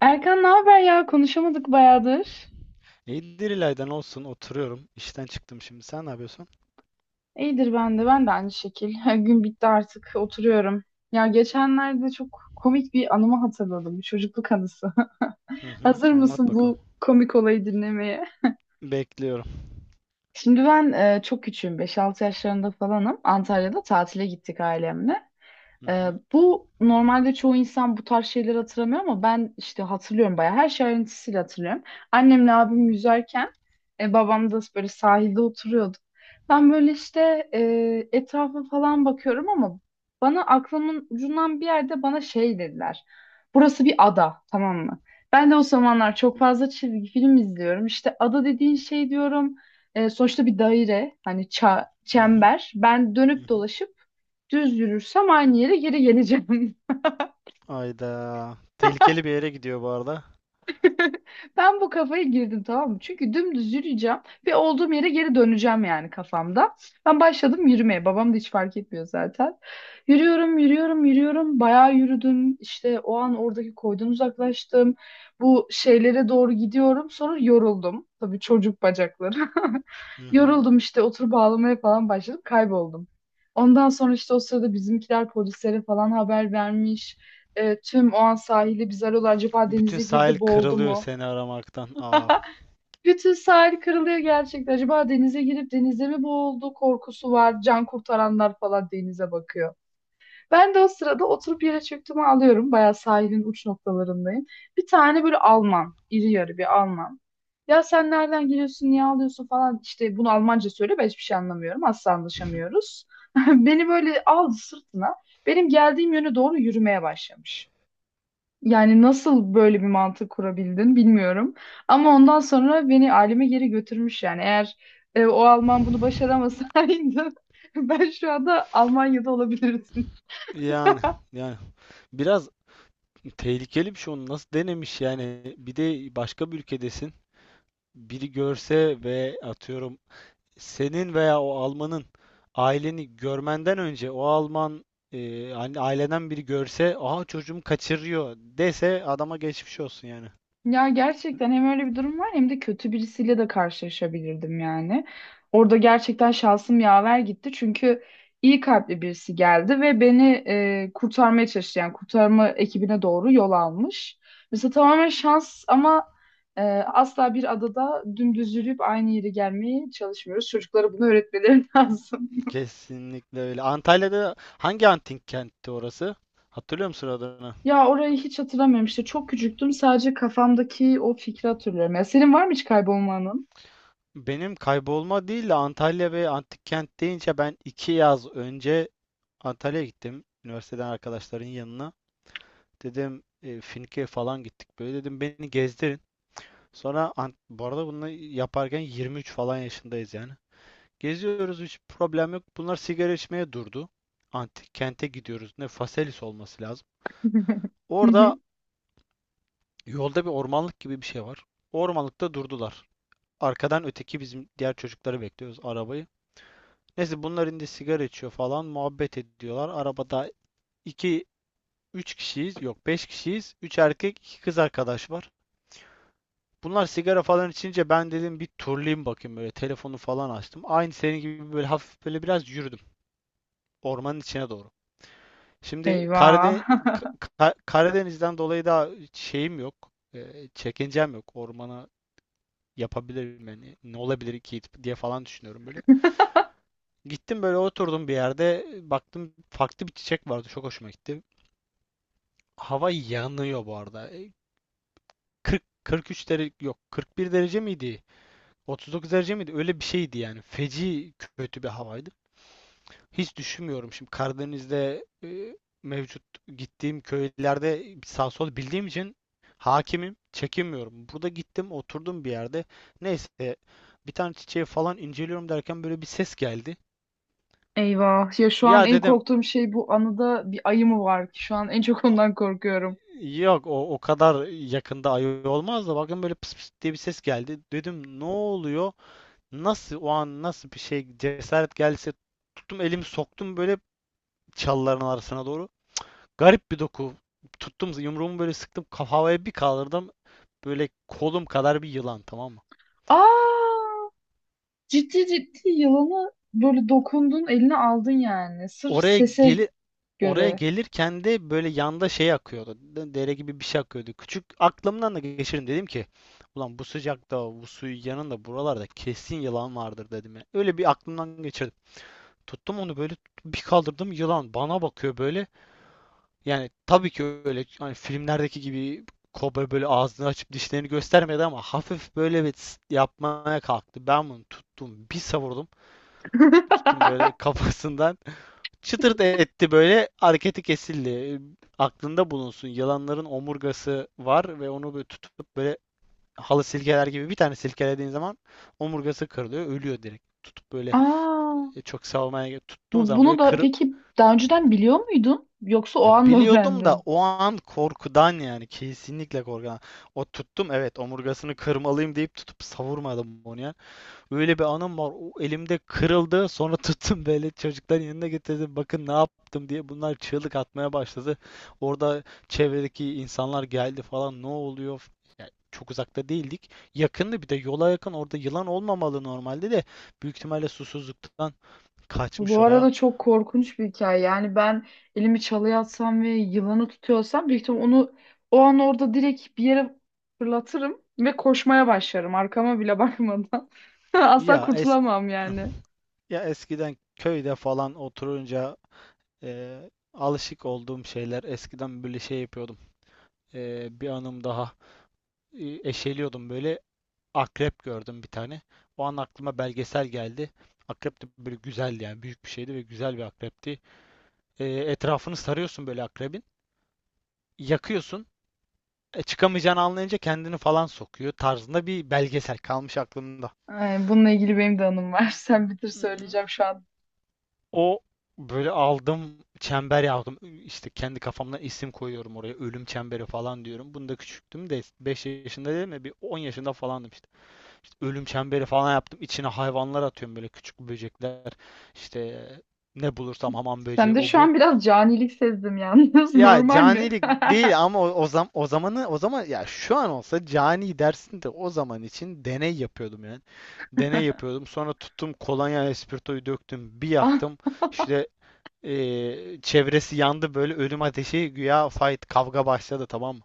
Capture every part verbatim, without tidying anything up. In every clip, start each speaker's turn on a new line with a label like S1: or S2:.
S1: Erkan ne haber ya? Konuşamadık bayağıdır.
S2: İyidir İlay'dan olsun oturuyorum. İşten çıktım şimdi. Sen ne yapıyorsun?
S1: İyidir ben de. Ben de aynı şekil. Gün bitti artık. Oturuyorum. Ya geçenlerde çok komik bir anımı hatırladım. Bir çocukluk anısı.
S2: Hı hı,
S1: Hazır
S2: anlat
S1: mısın
S2: bakalım.
S1: bu komik olayı dinlemeye?
S2: Bekliyorum.
S1: Şimdi ben e, çok küçüğüm. Beş altı yaşlarında falanım. Antalya'da tatile gittik ailemle.
S2: Hı
S1: Ee,
S2: hı,
S1: bu normalde çoğu insan bu tarz şeyleri hatırlamıyor ama ben işte hatırlıyorum bayağı. Her şey ayrıntısıyla hatırlıyorum. Annemle abim yüzerken e, babam da böyle sahilde oturuyordu. Ben böyle işte e, etrafa falan bakıyorum ama bana aklımın ucundan bir yerde bana şey dediler. Burası bir ada, tamam mı? Ben de o zamanlar çok fazla çizgi film izliyorum. İşte ada dediğin şey diyorum. E, sonuçta bir daire, hani ça-
S2: hı hı,
S1: çember. Ben
S2: hı
S1: dönüp
S2: hı.
S1: dolaşıp düz yürürsem aynı yere geri geleceğim.
S2: Ayda. Tehlikeli bir yere gidiyor bu arada.
S1: Ben bu kafaya girdim, tamam mı? Çünkü dümdüz yürüyeceğim ve olduğum yere geri döneceğim, yani kafamda. Ben başladım yürümeye. Babam da hiç fark etmiyor zaten. Yürüyorum, yürüyorum, yürüyorum. Bayağı yürüdüm. İşte o an oradaki koydan uzaklaştım. Bu şeylere doğru gidiyorum. Sonra yoruldum. Tabii çocuk bacakları.
S2: Hı hı.
S1: Yoruldum işte, oturup ağlamaya falan başladım. Kayboldum. Ondan sonra işte o sırada bizimkiler polislere falan haber vermiş. E, tüm o an sahili biz arıyorlar. Acaba
S2: Bütün
S1: denize girdi,
S2: sahil
S1: boğuldu
S2: kırılıyor
S1: mu?
S2: seni aramaktan. Aa.
S1: Bütün sahil kırılıyor gerçekten. Acaba denize girip denize mi boğuldu korkusu var. Can kurtaranlar falan denize bakıyor. Ben de o sırada oturup yere çöktüğümü alıyorum. Bayağı sahilin uç noktalarındayım. Bir tane böyle Alman, iri yarı bir Alman. Ya sen nereden geliyorsun, niye ağlıyorsun falan. İşte bunu Almanca söyle, ben hiçbir şey anlamıyorum. Asla anlaşamıyoruz. Beni böyle aldı sırtına. Benim geldiğim yöne doğru yürümeye başlamış. Yani nasıl böyle bir mantık kurabildin bilmiyorum. Ama ondan sonra beni aileme geri götürmüş yani. Eğer e, o Alman bunu başaramasaydı ben şu anda Almanya'da olabilirdim.
S2: Yani yani biraz tehlikeli bir şey, onu nasıl denemiş yani? Bir de başka bir ülkedesin, biri görse ve atıyorum senin veya o Alman'ın aileni görmenden önce o Alman, e, hani aileden biri görse aha çocuğumu kaçırıyor dese, adama geçmiş olsun yani.
S1: Ya gerçekten hem öyle bir durum var hem de kötü birisiyle de karşılaşabilirdim yani. Orada gerçekten şansım yaver gitti çünkü iyi kalpli birisi geldi ve beni e, kurtarmaya çalıştı. Yani kurtarma ekibine doğru yol almış. Mesela tamamen şans ama Ee, asla bir adada dümdüz yürüyüp aynı yere gelmeye çalışmıyoruz. Çocuklara bunu öğretmeleri lazım.
S2: Kesinlikle öyle. Antalya'da hangi antik kentti orası? Hatırlıyor musun adını?
S1: Ya orayı hiç hatırlamıyorum işte. Çok küçüktüm. Sadece kafamdaki o fikri hatırlıyorum. Ya senin var mı hiç kaybolmanın?
S2: Benim kaybolma değil de, Antalya ve antik kent deyince ben iki yaz önce Antalya'ya gittim. Üniversiteden arkadaşların yanına. Dedim e, Finke'ye falan gittik böyle. Dedim beni gezdirin. Sonra an- bu arada bunu yaparken yirmi üç falan yaşındayız yani. Geziyoruz, hiç problem yok. Bunlar sigara içmeye durdu. Antik kente gidiyoruz. Ne, Faselis olması lazım.
S1: Hı
S2: Orada
S1: hı.
S2: yolda bir ormanlık gibi bir şey var. Ormanlıkta durdular. Arkadan öteki bizim diğer çocukları bekliyoruz, arabayı. Neyse bunlar indi, sigara içiyor falan muhabbet ediyorlar. Arabada iki üç kişiyiz. Yok, beş kişiyiz. Üç erkek, iki kız arkadaş var. Bunlar sigara falan içince ben dedim bir turlayayım bakayım, böyle telefonu falan açtım. Aynı senin gibi böyle hafif böyle biraz yürüdüm ormanın içine doğru. Şimdi
S1: Eyvah.
S2: Karade- Ka- Ka- Karadeniz'den dolayı da şeyim yok. E, çekincem yok. Ormana yapabilirim yani. Ne olabilir ki diye falan düşünüyorum böyle. Gittim böyle oturdum bir yerde. Baktım farklı bir çiçek vardı. Çok hoşuma gitti. Hava yanıyor bu arada. E, kırk kırk üç derece, yok kırk bir derece miydi? otuz dokuz derece miydi? Öyle bir şeydi yani. Feci kötü bir havaydı. Hiç düşünmüyorum şimdi Karadeniz'de, e, mevcut gittiğim köylerde sağ sol bildiğim için hakimim, çekinmiyorum. Burada gittim, oturdum bir yerde. Neyse bir tane çiçeği falan inceliyorum derken böyle bir ses geldi.
S1: Eyvah. Ya şu an
S2: Ya
S1: en
S2: dedim
S1: korktuğum şey, bu anıda bir ayı mı var ki? Şu an en çok ondan korkuyorum.
S2: yok, o o kadar yakında ayı olmaz da, bakın böyle pıs pıs diye bir ses geldi. Dedim, ne oluyor? Nasıl o an nasıl bir şey cesaret gelse, tuttum elimi soktum böyle çalıların arasına doğru. Garip bir doku. Tuttum yumruğumu böyle, sıktım kafaya, bir kaldırdım. Böyle kolum kadar bir yılan, tamam mı?
S1: Aa! Ciddi ciddi yılanı böyle dokundun, eline aldın yani. Sırf
S2: Oraya
S1: sese
S2: geli Oraya
S1: göre.
S2: gelirken de böyle yanda şey akıyordu. Dere gibi bir şey akıyordu. Küçük aklımdan da geçirin dedim ki, ulan bu sıcakta bu suyun yanında buralarda kesin yılan vardır dedim ya. Öyle bir aklımdan geçirdim. Tuttum onu böyle, bir kaldırdım, yılan bana bakıyor böyle. Yani tabii ki öyle, hani filmlerdeki gibi kobra böyle ağzını açıp dişlerini göstermedi ama hafif böyle bir tıs yapmaya kalktı. Ben bunu tuttum, bir savurdum. Tuttum böyle kafasından çıtırt etti, böyle hareketi kesildi. E, Aklında bulunsun, yılanların omurgası var ve onu böyle tutup böyle halı silkeler gibi bir tane silkelediğin zaman omurgası kırılıyor, ölüyor direkt. Tutup böyle,
S1: Aa!
S2: e, çok savmaya tuttuğum
S1: Bu,
S2: zaman böyle
S1: bunu da
S2: kır,
S1: peki daha önceden biliyor muydun? Yoksa o
S2: Ya
S1: an mı
S2: biliyordum da
S1: öğrendin?
S2: o an korkudan, yani kesinlikle korkudan. O tuttum, evet, omurgasını kırmalıyım deyip tutup savurmadım onu ya. Öyle bir anım var. O elimde kırıldı. Sonra tuttum böyle çocukların yanına getirdim. Bakın ne yaptım diye, bunlar çığlık atmaya başladı. Orada çevredeki insanlar geldi falan, ne oluyor? Ya çok uzakta değildik. Yakındı, bir de yola yakın. Orada yılan olmamalı normalde de, büyük ihtimalle susuzluktan
S1: Bu
S2: kaçmış oraya.
S1: arada çok korkunç bir hikaye. Yani ben elimi çalıya atsam ve yılanı tutuyorsam büyük ihtimal onu o an orada direkt bir yere fırlatırım ve koşmaya başlarım. Arkama bile bakmadan. Asla
S2: Ya es
S1: kurtulamam yani.
S2: Ya eskiden köyde falan oturunca, e, alışık olduğum şeyler, eskiden böyle şey yapıyordum. E, bir anım daha. E, eşeliyordum böyle, akrep gördüm bir tane. O an aklıma belgesel geldi. Akrep de böyle güzeldi yani, büyük bir şeydi ve güzel bir akrepti. E, etrafını sarıyorsun böyle akrebin. Yakıyorsun. E, çıkamayacağını anlayınca kendini falan sokuyor tarzında bir belgesel kalmış aklımda.
S1: Ay, bununla ilgili benim de anım var. Sen bitir,
S2: Hmm,
S1: söyleyeceğim şu an.
S2: O böyle aldım, çember yaptım. İşte kendi kafamdan isim koyuyorum oraya. Ölüm çemberi falan diyorum. Bunda küçüktüm de, beş yaşında değil mi? Bir on yaşında falandım işte. İşte ölüm çemberi falan yaptım. İçine hayvanlar atıyorum, böyle küçük böcekler. İşte ne bulursam, hamam böceği,
S1: Sen de
S2: o,
S1: şu
S2: bu.
S1: an biraz canilik sezdim yalnız.
S2: Ya
S1: Normal mi?
S2: canilik değil ama o, o zam- o zamanı o zaman ya şu an olsa cani dersin de, o zaman için deney yapıyordum yani. Deney yapıyordum. Sonra tuttum kolonya espritoyu döktüm, bir yaktım. İşte ee, çevresi yandı, böyle ölüm ateşi güya, fight, kavga başladı, tamam mı?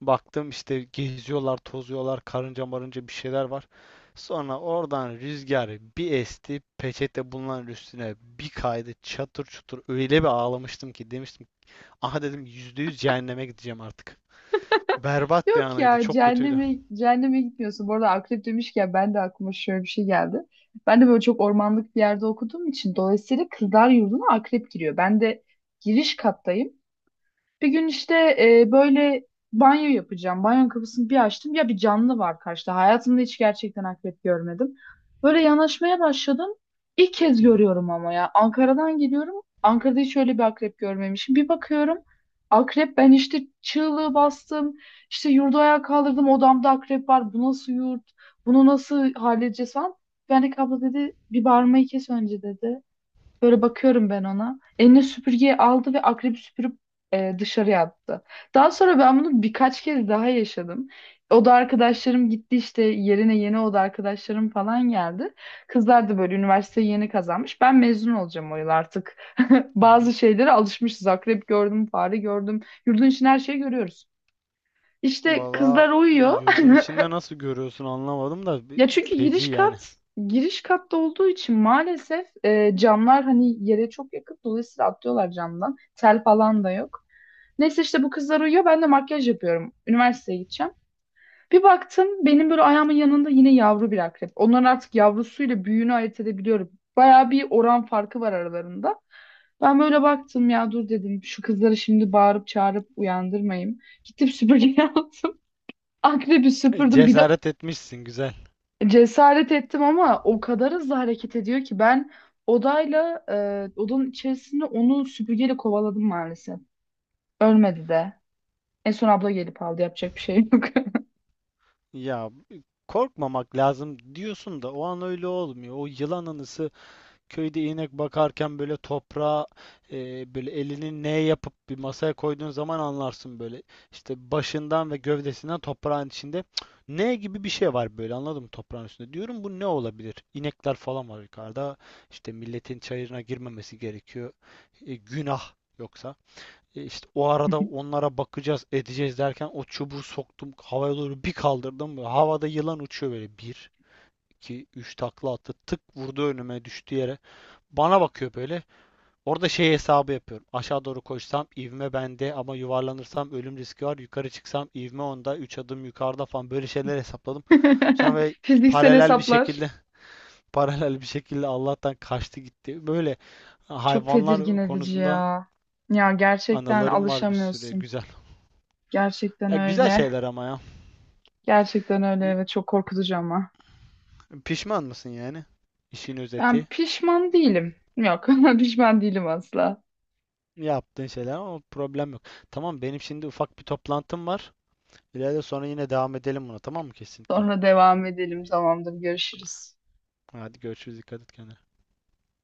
S2: Baktım işte geziyorlar tozuyorlar, karınca marınca bir şeyler var. Sonra oradan rüzgar bir esti, peçete bulunan üstüne bir kaydı, çatır çutur, öyle bir ağlamıştım ki demiştim. ki, aha dedim yüzde yüz cehenneme gideceğim artık. Berbat bir
S1: Yok
S2: anıydı,
S1: ya,
S2: çok kötüydü.
S1: cehenneme, cehenneme gitmiyorsun. Bu arada akrep demişken ben de aklıma şöyle bir şey geldi. Ben de böyle çok ormanlık bir yerde okuduğum için dolayısıyla kızlar yurduna akrep giriyor. Ben de giriş kattayım. Bir gün işte e, böyle banyo yapacağım. Banyo kapısını bir açtım. Ya bir canlı var karşıda. Hayatımda hiç gerçekten akrep görmedim. Böyle yanaşmaya başladım. İlk kez
S2: Hı hı.
S1: görüyorum ama ya. Ankara'dan geliyorum. Ankara'da hiç öyle bir akrep görmemişim. Bir bakıyorum. Akrep, ben işte çığlığı bastım. İşte yurdu ayağa kaldırdım. Odamda akrep var. Bu nasıl yurt? Bunu nasıl halledeceğiz falan. Yani abla dedi, bir bağırmayı kes önce dedi. Böyle bakıyorum ben ona. Eline süpürgeyi aldı ve akrebi süpürüp e, dışarıya attı. Daha sonra ben bunu birkaç kez daha yaşadım. Oda arkadaşlarım gitti, işte yerine yeni oda arkadaşlarım falan geldi. Kızlar da böyle üniversiteyi yeni kazanmış. Ben mezun olacağım o yıl artık.
S2: Hı
S1: Bazı
S2: hı.
S1: şeylere alışmışız. Akrep gördüm, fare gördüm. Yurdun için her şeyi görüyoruz. İşte
S2: Valla
S1: kızlar uyuyor.
S2: yurdun içinde nasıl görüyorsun anlamadım da,
S1: Ya
S2: bir-
S1: çünkü
S2: feci
S1: giriş
S2: yani.
S1: kat, giriş katta olduğu için maalesef e, camlar hani yere çok yakın. Dolayısıyla atlıyorlar camdan. Tel falan da yok. Neyse işte bu kızlar uyuyor. Ben de makyaj yapıyorum. Üniversiteye gideceğim. Bir baktım benim böyle ayağımın yanında yine yavru bir akrep. Onların artık yavrusuyla büyüğünü ayırt edebiliyorum. Bayağı bir oran farkı var aralarında. Ben böyle baktım, ya dur dedim şu kızları şimdi bağırıp çağırıp uyandırmayayım. Gittim süpürge aldım. Akrebi
S2: E,
S1: süpürdüm. Bir de
S2: Cesaret etmişsin, güzel.
S1: cesaret ettim ama o kadar hızlı hareket ediyor ki ben odayla e, odanın içerisinde onu süpürgeyle kovaladım maalesef. Ölmedi de. En son abla gelip aldı, yapacak bir şey yok.
S2: Ya korkmamak lazım diyorsun da o an öyle olmuyor. O yılan anısı, köyde inek bakarken böyle toprağa, e, böyle elini ne yapıp bir masaya koyduğun zaman anlarsın böyle. İşte başından ve gövdesinden toprağın içinde, Cık, ne gibi bir şey var böyle, anladın mı, toprağın üstünde. Diyorum, bu ne olabilir? İnekler falan var yukarıda. İşte milletin çayırına girmemesi gerekiyor. E, günah yoksa. E İşte o arada onlara bakacağız, edeceğiz derken, o çubuğu soktum, havaya doğru bir kaldırdım. Böyle havada yılan uçuyor böyle. Bir, iki, üç takla attı. Tık vurdu, önüme düştü yere. Bana bakıyor böyle. Orada şey hesabı yapıyorum. Aşağı doğru koşsam ivme bende ama yuvarlanırsam ölüm riski var. Yukarı çıksam ivme onda. Üç adım yukarıda falan böyle şeyler hesapladım. Sonra böyle
S1: Fiziksel
S2: paralel bir
S1: hesaplar
S2: şekilde paralel bir şekilde Allah'tan kaçtı gitti. Böyle
S1: çok tedirgin
S2: hayvanlar
S1: edici
S2: konusunda
S1: ya. Ya gerçekten
S2: anılarım var bir sürü,
S1: alışamıyorsun.
S2: güzel.
S1: Gerçekten
S2: Ya güzel
S1: öyle.
S2: şeyler ama ya.
S1: Gerçekten
S2: M-
S1: öyle ve çok korkutucu ama.
S2: Pişman mısın yani? İşin
S1: Ben
S2: özeti.
S1: pişman değilim. Yok, pişman değilim asla.
S2: Yaptığın şeyler ama problem yok. Tamam, benim şimdi ufak bir toplantım var. İleride sonra yine devam edelim buna, tamam mı, kesinlikle?
S1: Sonra devam edelim. Tamamdır, görüşürüz.
S2: Hadi görüşürüz, dikkat et kendine.